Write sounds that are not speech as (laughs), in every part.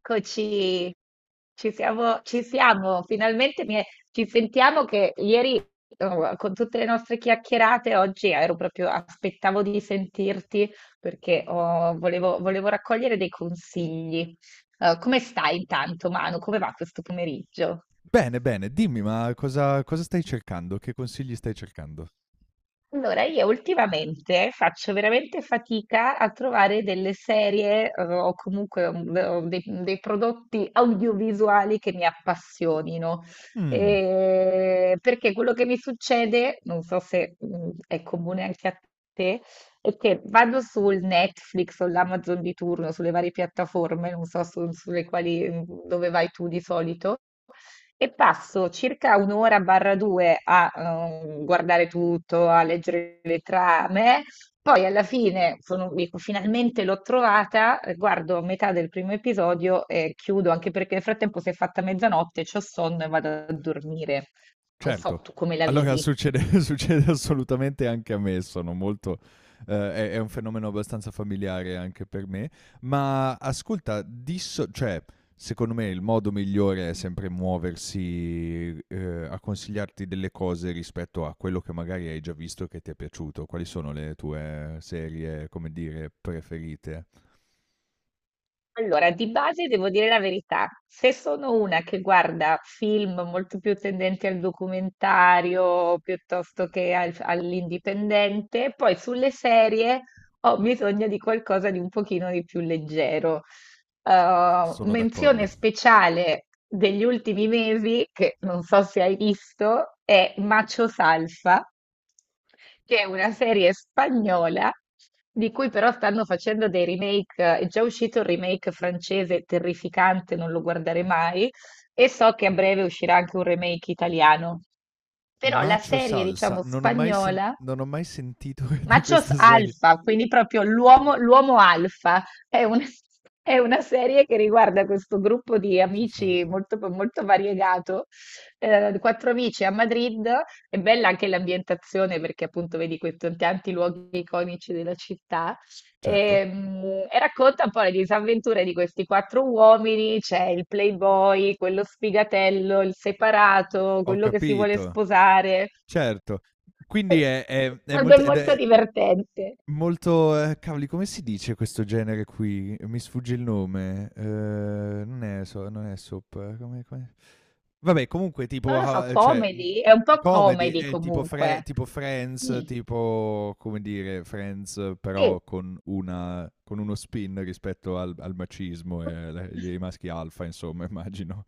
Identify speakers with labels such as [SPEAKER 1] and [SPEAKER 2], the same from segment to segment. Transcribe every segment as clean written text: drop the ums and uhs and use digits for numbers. [SPEAKER 1] Eccoci, ci siamo, finalmente ci sentiamo che ieri, oh, con tutte le nostre chiacchierate oggi ero proprio, aspettavo di sentirti perché, oh, volevo raccogliere dei consigli. Come stai intanto, Manu? Come va questo pomeriggio?
[SPEAKER 2] Bene, bene, dimmi, ma cosa stai cercando? Che consigli stai cercando?
[SPEAKER 1] Allora, io ultimamente faccio veramente fatica a trovare delle serie, o comunque, o dei prodotti audiovisuali che mi appassionino.
[SPEAKER 2] Mh,
[SPEAKER 1] Perché quello che mi succede, non so se, è comune anche a te, è che vado sul Netflix o l'Amazon di turno, sulle varie piattaforme, non so sulle quali, dove vai tu di solito. E passo circa un'ora barra due a, guardare tutto, a leggere le trame. Poi alla fine, dico, finalmente l'ho trovata, guardo metà del primo episodio e chiudo, anche perché nel frattempo si è fatta mezzanotte, c'ho sonno e vado a dormire. Non so
[SPEAKER 2] certo.
[SPEAKER 1] tu come la
[SPEAKER 2] Allora
[SPEAKER 1] vivi.
[SPEAKER 2] succede (laughs) succede assolutamente anche a me, sono molto è un fenomeno abbastanza familiare anche per me, ma ascolta, disso cioè, secondo me il modo migliore è sempre muoversi, a consigliarti delle cose rispetto a quello che magari hai già visto e che ti è piaciuto. Quali sono le tue serie, come dire, preferite?
[SPEAKER 1] Allora, di base devo dire la verità, se sono una che guarda film molto più tendenti al documentario piuttosto che all'indipendente. Poi sulle serie ho bisogno di qualcosa di un pochino di più leggero.
[SPEAKER 2] S
[SPEAKER 1] eh,
[SPEAKER 2] sono
[SPEAKER 1] menzione
[SPEAKER 2] d'accordo.
[SPEAKER 1] speciale degli ultimi mesi, che non so se hai visto, è Macho Salsa, che è una serie spagnola di cui però stanno facendo dei remake. È già uscito il remake francese, terrificante, non lo guarderei mai, e so che a breve uscirà anche un remake italiano. Però la
[SPEAKER 2] Macho
[SPEAKER 1] serie,
[SPEAKER 2] Salsa,
[SPEAKER 1] diciamo, spagnola
[SPEAKER 2] non ho mai sentito (laughs) di
[SPEAKER 1] Machos
[SPEAKER 2] questa serie.
[SPEAKER 1] Alfa, quindi proprio l'uomo alfa, è un- (laughs) è una serie che riguarda questo gruppo di
[SPEAKER 2] Macho
[SPEAKER 1] amici
[SPEAKER 2] Salsa.
[SPEAKER 1] molto, molto variegato, quattro amici a Madrid. È bella anche l'ambientazione, perché appunto vedi questi tanti luoghi iconici della città,
[SPEAKER 2] Certo,
[SPEAKER 1] e, mm, e racconta un po' le disavventure di questi quattro uomini: c'è il playboy, quello sfigatello, il separato,
[SPEAKER 2] ho
[SPEAKER 1] quello che si vuole
[SPEAKER 2] capito,
[SPEAKER 1] sposare,
[SPEAKER 2] certo. Quindi è
[SPEAKER 1] (laughs) ed è
[SPEAKER 2] molto ed
[SPEAKER 1] molto
[SPEAKER 2] è
[SPEAKER 1] divertente.
[SPEAKER 2] molto cavoli, come si dice questo genere qui? Mi sfugge il nome. Non è soap, come come vabbè, comunque
[SPEAKER 1] Non
[SPEAKER 2] tipo
[SPEAKER 1] lo so,
[SPEAKER 2] cioè,
[SPEAKER 1] comedy? È un po'
[SPEAKER 2] comedy
[SPEAKER 1] comedy
[SPEAKER 2] è tipo Fre
[SPEAKER 1] comunque.
[SPEAKER 2] tipo Friends,
[SPEAKER 1] Mh,
[SPEAKER 2] tipo come dire, Friends,
[SPEAKER 1] sì.
[SPEAKER 2] però con una con uno spin rispetto al al macismo e alle agli maschi alfa insomma (laughs) immagino.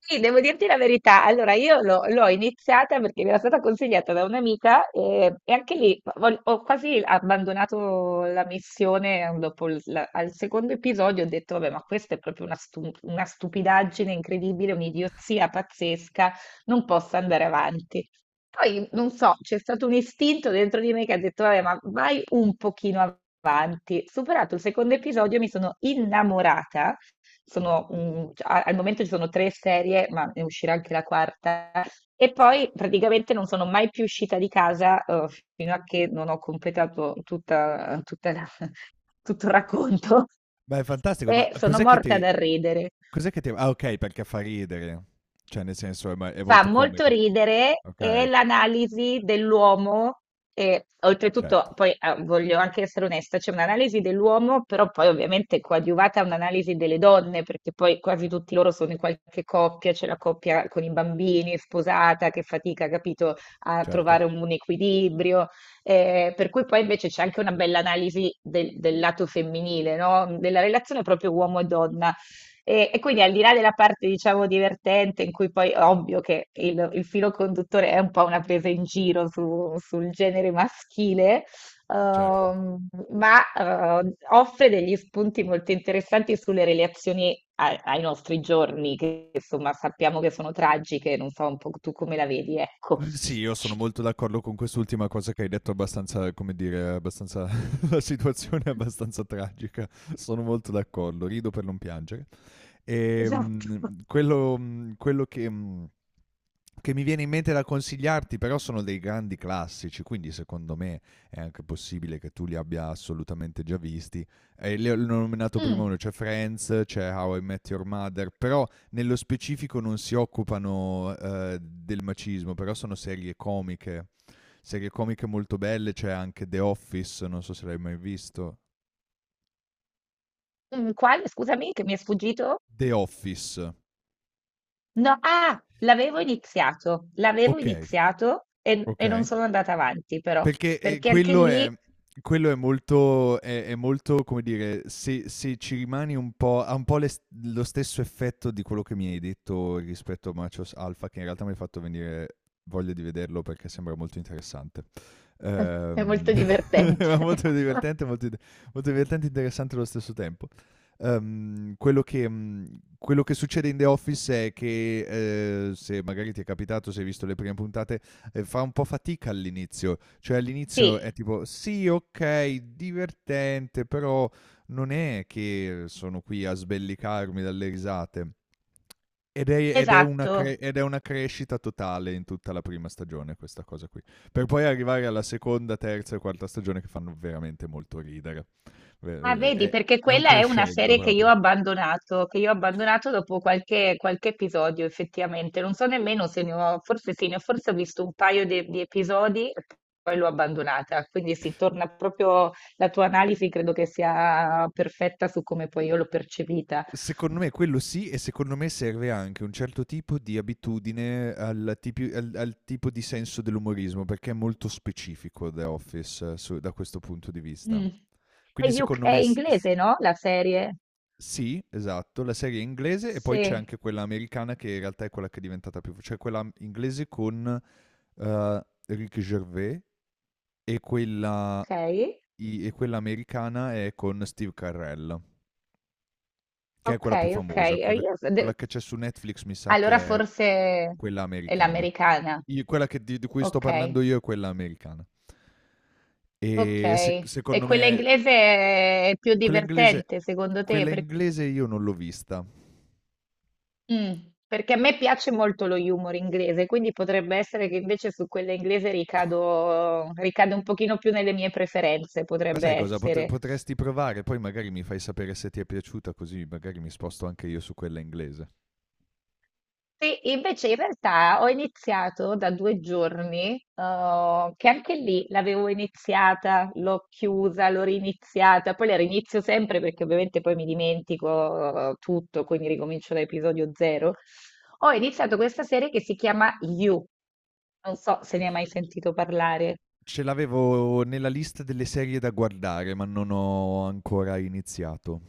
[SPEAKER 1] Sì, devo dirti la verità. Allora, io l'ho iniziata perché mi era stata consigliata da un'amica, e, anche lì, ho quasi abbandonato la missione, dopo al secondo episodio. Ho detto, vabbè, ma questa è proprio una stupidaggine incredibile, un'idiozia pazzesca, non posso andare avanti. Poi, non so, c'è stato un istinto dentro di me che ha detto, vabbè, ma vai un pochino avanti. Superato il secondo episodio, mi sono innamorata. Cioè, a al momento ci sono 3 serie, ma ne uscirà anche la quarta, e poi praticamente non sono mai più uscita di casa, fino a che non ho completato tutta tutta la (laughs) tutto il racconto
[SPEAKER 2] Ma è
[SPEAKER 1] (laughs)
[SPEAKER 2] fantastico, ma
[SPEAKER 1] e sono morta dal ridere.
[SPEAKER 2] cos'è che ti ah, okay, perché fa ridere. Cioè nel senso è ma è
[SPEAKER 1] Fa
[SPEAKER 2] molto
[SPEAKER 1] molto
[SPEAKER 2] comico.
[SPEAKER 1] ridere, e
[SPEAKER 2] Okay,
[SPEAKER 1] l'analisi dell'uomo, e
[SPEAKER 2] certo,
[SPEAKER 1] oltretutto, poi, ah, voglio anche essere onesta, c'è un'analisi dell'uomo, però poi ovviamente coadiuvata a un'analisi delle donne, perché poi quasi tutti loro sono in qualche coppia, c'è la coppia con i bambini, sposata, che fatica, capito, a
[SPEAKER 2] certo,
[SPEAKER 1] trovare un equilibrio. Per cui poi invece c'è anche una bella analisi del lato femminile, no? Della relazione proprio uomo e donna, e quindi al di là della parte, diciamo, divertente, in cui poi è ovvio che il filo conduttore è un po' una presa in giro sul genere maschile,
[SPEAKER 2] certo.
[SPEAKER 1] ma, offre degli spunti molto interessanti sulle relazioni ai nostri giorni, che insomma sappiamo che sono tragiche, non so un po' tu come la vedi, ecco.
[SPEAKER 2] Mhmm, sì, io sono molto
[SPEAKER 1] (laughs)
[SPEAKER 2] d'accordo con quest'ultima cosa che hai detto abbastanza, come dire, abbastanza (laughs) la situazione è abbastanza tragica. Sono molto d'accordo, rido per non piangere.
[SPEAKER 1] Esatto.
[SPEAKER 2] Quello, quello che, mhmm che mi viene in mente da consigliarti, però sono dei grandi classici, quindi secondo me è anche possibile che tu li abbia assolutamente già visti. Li ho nominato prima
[SPEAKER 1] Mm,
[SPEAKER 2] uno, c'è Friends, c'è How I Met Your Mother, però nello specifico non si occupano, del macismo, però sono serie comiche molto belle, c'è anche The Office, non so se l'hai mai visto.
[SPEAKER 1] quale? Scusami, che mi è sfuggito?
[SPEAKER 2] The Office,
[SPEAKER 1] No, ah, l'avevo iniziato, l'avevo
[SPEAKER 2] ok,
[SPEAKER 1] iniziato, e non
[SPEAKER 2] ok.
[SPEAKER 1] sono andata avanti però,
[SPEAKER 2] Perché,
[SPEAKER 1] perché anche lì (laughs)
[SPEAKER 2] quello è molto è molto, come dire, se se ci rimani un po' ha un po' le s lo stesso effetto di quello che mi hai detto rispetto a Machos Alpha, che in realtà mi hai fatto venire voglia di vederlo perché sembra molto interessante.
[SPEAKER 1] è
[SPEAKER 2] Ehm,
[SPEAKER 1] molto divertente.
[SPEAKER 2] era (laughs) molto
[SPEAKER 1] (laughs)
[SPEAKER 2] divertente, molto, molto divertente e interessante allo stesso tempo. Quello che succede in The Office è che, se magari ti è capitato, se hai visto le prime puntate, fa un po' fatica all'inizio. Cioè all'inizio è
[SPEAKER 1] Sì,
[SPEAKER 2] tipo, sì, ok, divertente, però non è che sono qui a sbellicarmi dalle risate.
[SPEAKER 1] esatto.
[SPEAKER 2] Ed è una crescita totale in tutta la prima stagione, questa cosa qui. Per poi arrivare alla seconda, terza e quarta stagione che fanno veramente molto ridere.
[SPEAKER 1] Ah,
[SPEAKER 2] Ve- eh,
[SPEAKER 1] vedi,
[SPEAKER 2] È,
[SPEAKER 1] perché
[SPEAKER 2] è un
[SPEAKER 1] quella è una
[SPEAKER 2] crescendo
[SPEAKER 1] serie che io ho
[SPEAKER 2] proprio.
[SPEAKER 1] abbandonato, che io ho abbandonato, dopo qualche episodio, effettivamente. Non so nemmeno se ne ho, forse sì, ne ho, forse ho visto un paio di episodi, e poi l'ho abbandonata. Quindi si torna proprio, la tua analisi credo che sia perfetta su come poi io l'ho percepita.
[SPEAKER 2] Secondo me quello sì e secondo me serve anche un certo tipo di abitudine al tipo di senso dell'umorismo perché è molto specifico The Office, da questo punto di vista.
[SPEAKER 1] Mh.
[SPEAKER 2] Quindi
[SPEAKER 1] È UK,
[SPEAKER 2] secondo
[SPEAKER 1] è
[SPEAKER 2] me
[SPEAKER 1] inglese, no, la serie?
[SPEAKER 2] sì, esatto, la serie è inglese e poi c'è
[SPEAKER 1] Sì,
[SPEAKER 2] anche quella americana che in realtà è quella che è diventata più... cioè quella inglese con Rick Gervais e quella,
[SPEAKER 1] okay,
[SPEAKER 2] e quella americana è con Steve Carell, che è quella più
[SPEAKER 1] okay, okay.
[SPEAKER 2] famosa,
[SPEAKER 1] E
[SPEAKER 2] quella,
[SPEAKER 1] io s de
[SPEAKER 2] quella che c'è su Netflix mi sa
[SPEAKER 1] Allora
[SPEAKER 2] che è
[SPEAKER 1] forse
[SPEAKER 2] quella
[SPEAKER 1] è
[SPEAKER 2] americana.
[SPEAKER 1] l'americana.
[SPEAKER 2] Quella di cui sto parlando
[SPEAKER 1] Okay,
[SPEAKER 2] io è quella americana. E
[SPEAKER 1] okay. E
[SPEAKER 2] secondo
[SPEAKER 1] quella
[SPEAKER 2] me
[SPEAKER 1] inglese è più
[SPEAKER 2] quella inglese,
[SPEAKER 1] divertente secondo te?
[SPEAKER 2] quella
[SPEAKER 1] Per
[SPEAKER 2] inglese io non l'ho vista.
[SPEAKER 1] mh, perché a me piace molto lo humor inglese, quindi potrebbe essere che invece su quella inglese ricado un pochino più nelle mie preferenze,
[SPEAKER 2] Ma
[SPEAKER 1] potrebbe
[SPEAKER 2] sai cosa?
[SPEAKER 1] essere.
[SPEAKER 2] Potresti provare, poi magari mi fai sapere se ti è piaciuta, così magari mi sposto anche io su quella inglese.
[SPEAKER 1] Sì, invece in realtà ho iniziato da 2 giorni, che anche lì l'avevo iniziata, l'ho chiusa, l'ho riniziata. Poi la rinizio sempre, perché ovviamente poi mi dimentico, tutto, quindi ricomincio da episodio zero. Ho iniziato questa serie che si chiama You, non so se ne hai mai sentito parlare.
[SPEAKER 2] Ce l'avevo nella lista delle serie da guardare, ma non ho ancora iniziato.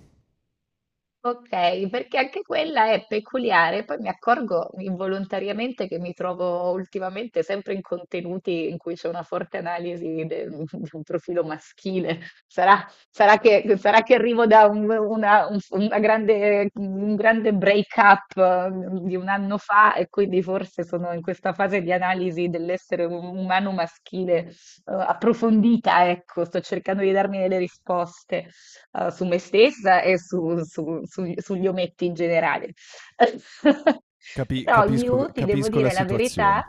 [SPEAKER 1] Ok, perché anche quella è peculiare. Poi mi accorgo involontariamente che mi trovo ultimamente sempre in contenuti in cui c'è una forte analisi (laughs) di un profilo maschile. Sarà, sarà che arrivo da un grande break-up, di un anno fa, e quindi forse sono in questa fase di analisi dell'essere umano maschile, approfondita, ecco. Sto cercando di darmi delle risposte, su me stessa e sugli ometti in generale. (laughs) Però
[SPEAKER 2] Capisco,
[SPEAKER 1] io ti devo
[SPEAKER 2] capisco la
[SPEAKER 1] dire la verità.
[SPEAKER 2] situazione.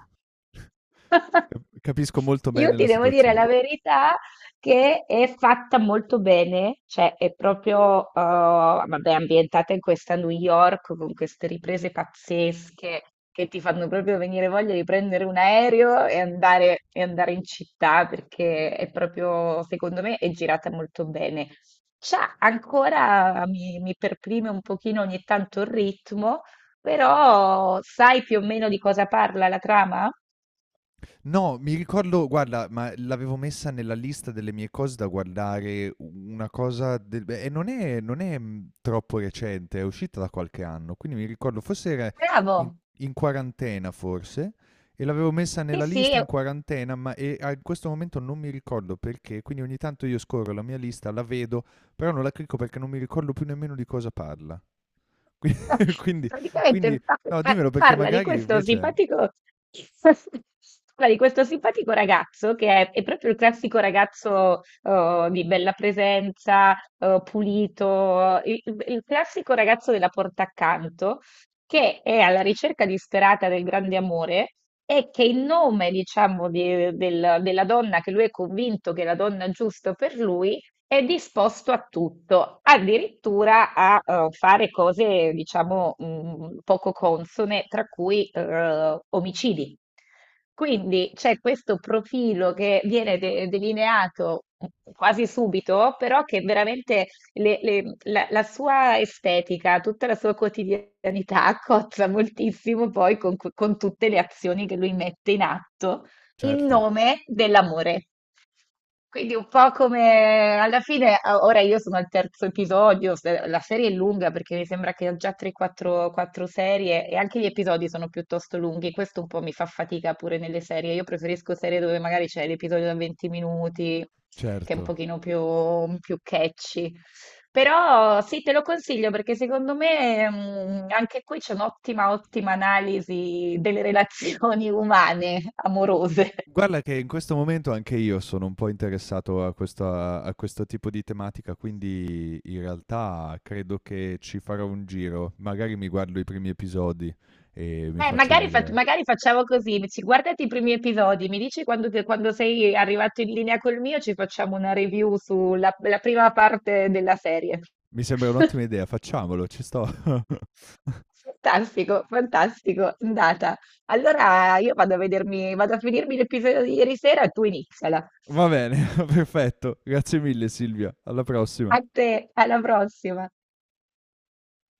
[SPEAKER 1] (laughs)
[SPEAKER 2] Capisco molto
[SPEAKER 1] Io
[SPEAKER 2] bene la
[SPEAKER 1] ti devo dire
[SPEAKER 2] situazione.
[SPEAKER 1] la verità, che è fatta molto bene, cioè è proprio, vabbè, ambientata in questa New York, con queste riprese pazzesche che ti fanno proprio venire voglia di prendere un aereo e andare in città, perché è proprio, secondo me, è girata molto bene. Cioè, ancora mi perprime un pochino ogni tanto il ritmo, però sai più o meno di cosa parla la trama?
[SPEAKER 2] No, mi ricordo, guarda, ma l'avevo messa nella lista delle mie cose da guardare, una cosa del e non è troppo recente, è uscita da qualche anno, quindi mi ricordo forse era in
[SPEAKER 1] Bravo,
[SPEAKER 2] in quarantena forse, e l'avevo messa
[SPEAKER 1] sì,
[SPEAKER 2] nella
[SPEAKER 1] sì,
[SPEAKER 2] lista in quarantena, ma e a questo momento non mi ricordo perché, quindi ogni tanto io scorro la mia lista, la vedo, però non la clicco perché non mi ricordo più nemmeno di cosa parla. (laughs) Qui
[SPEAKER 1] (laughs)
[SPEAKER 2] quindi quindi
[SPEAKER 1] praticamente
[SPEAKER 2] no, dimmelo perché
[SPEAKER 1] parla di
[SPEAKER 2] magari
[SPEAKER 1] questo
[SPEAKER 2] invece
[SPEAKER 1] simpatico, (laughs) parla di questo simpatico ragazzo che è proprio il classico ragazzo, di bella presenza, pulito, il classico ragazzo della porta accanto, che è alla ricerca disperata del grande amore, e che in nome, diciamo, della donna che lui è convinto che è la donna giusta per lui, è disposto a tutto, addirittura a, fare cose, diciamo, poco consone, tra cui, omicidi. Quindi c'è questo profilo che viene delineato quasi subito, però che veramente la sua estetica, tutta la sua quotidianità (laughs) cozza moltissimo poi con tutte le azioni che lui mette in atto in
[SPEAKER 2] certo,
[SPEAKER 1] nome dell'amore. Quindi un po' come alla fine, ah, ora io sono al terzo episodio. La serie è lunga, perché mi sembra che ho già 3-4 serie, e anche gli episodi sono piuttosto lunghi. Questo un po' mi fa fatica pure nelle serie, io preferisco serie dove magari c'è l'episodio da 20 minuti, che è un
[SPEAKER 2] certo.
[SPEAKER 1] pochino più catchy. Però sì, te lo consiglio, perché secondo me, anche qui c'è un'ottima, ottima analisi delle relazioni umane, amorose.
[SPEAKER 2] Guarda che in questo momento anche io sono un po' interessato a questa a questo tipo di tematica, quindi in realtà credo che ci farò un giro. Magari mi guardo i primi episodi e mi
[SPEAKER 1] Eh,
[SPEAKER 2] faccio
[SPEAKER 1] magari, fac-
[SPEAKER 2] un'idea.
[SPEAKER 1] magari facciamo così: guardati i primi episodi, mi dici quando, quando sei arrivato in linea col mio, ci facciamo una review sulla la prima parte della serie.
[SPEAKER 2] Mi sembra un'ottima idea, facciamolo, ci sto. (laughs)
[SPEAKER 1] Fantastico, fantastico, andata. Allora io vado a vedermi, vado a finirmi l'episodio di ieri sera e tu iniziala.
[SPEAKER 2] Va bene, (laughs) perfetto. Grazie mille Silvia, alla prossima.
[SPEAKER 1] A te, alla prossima.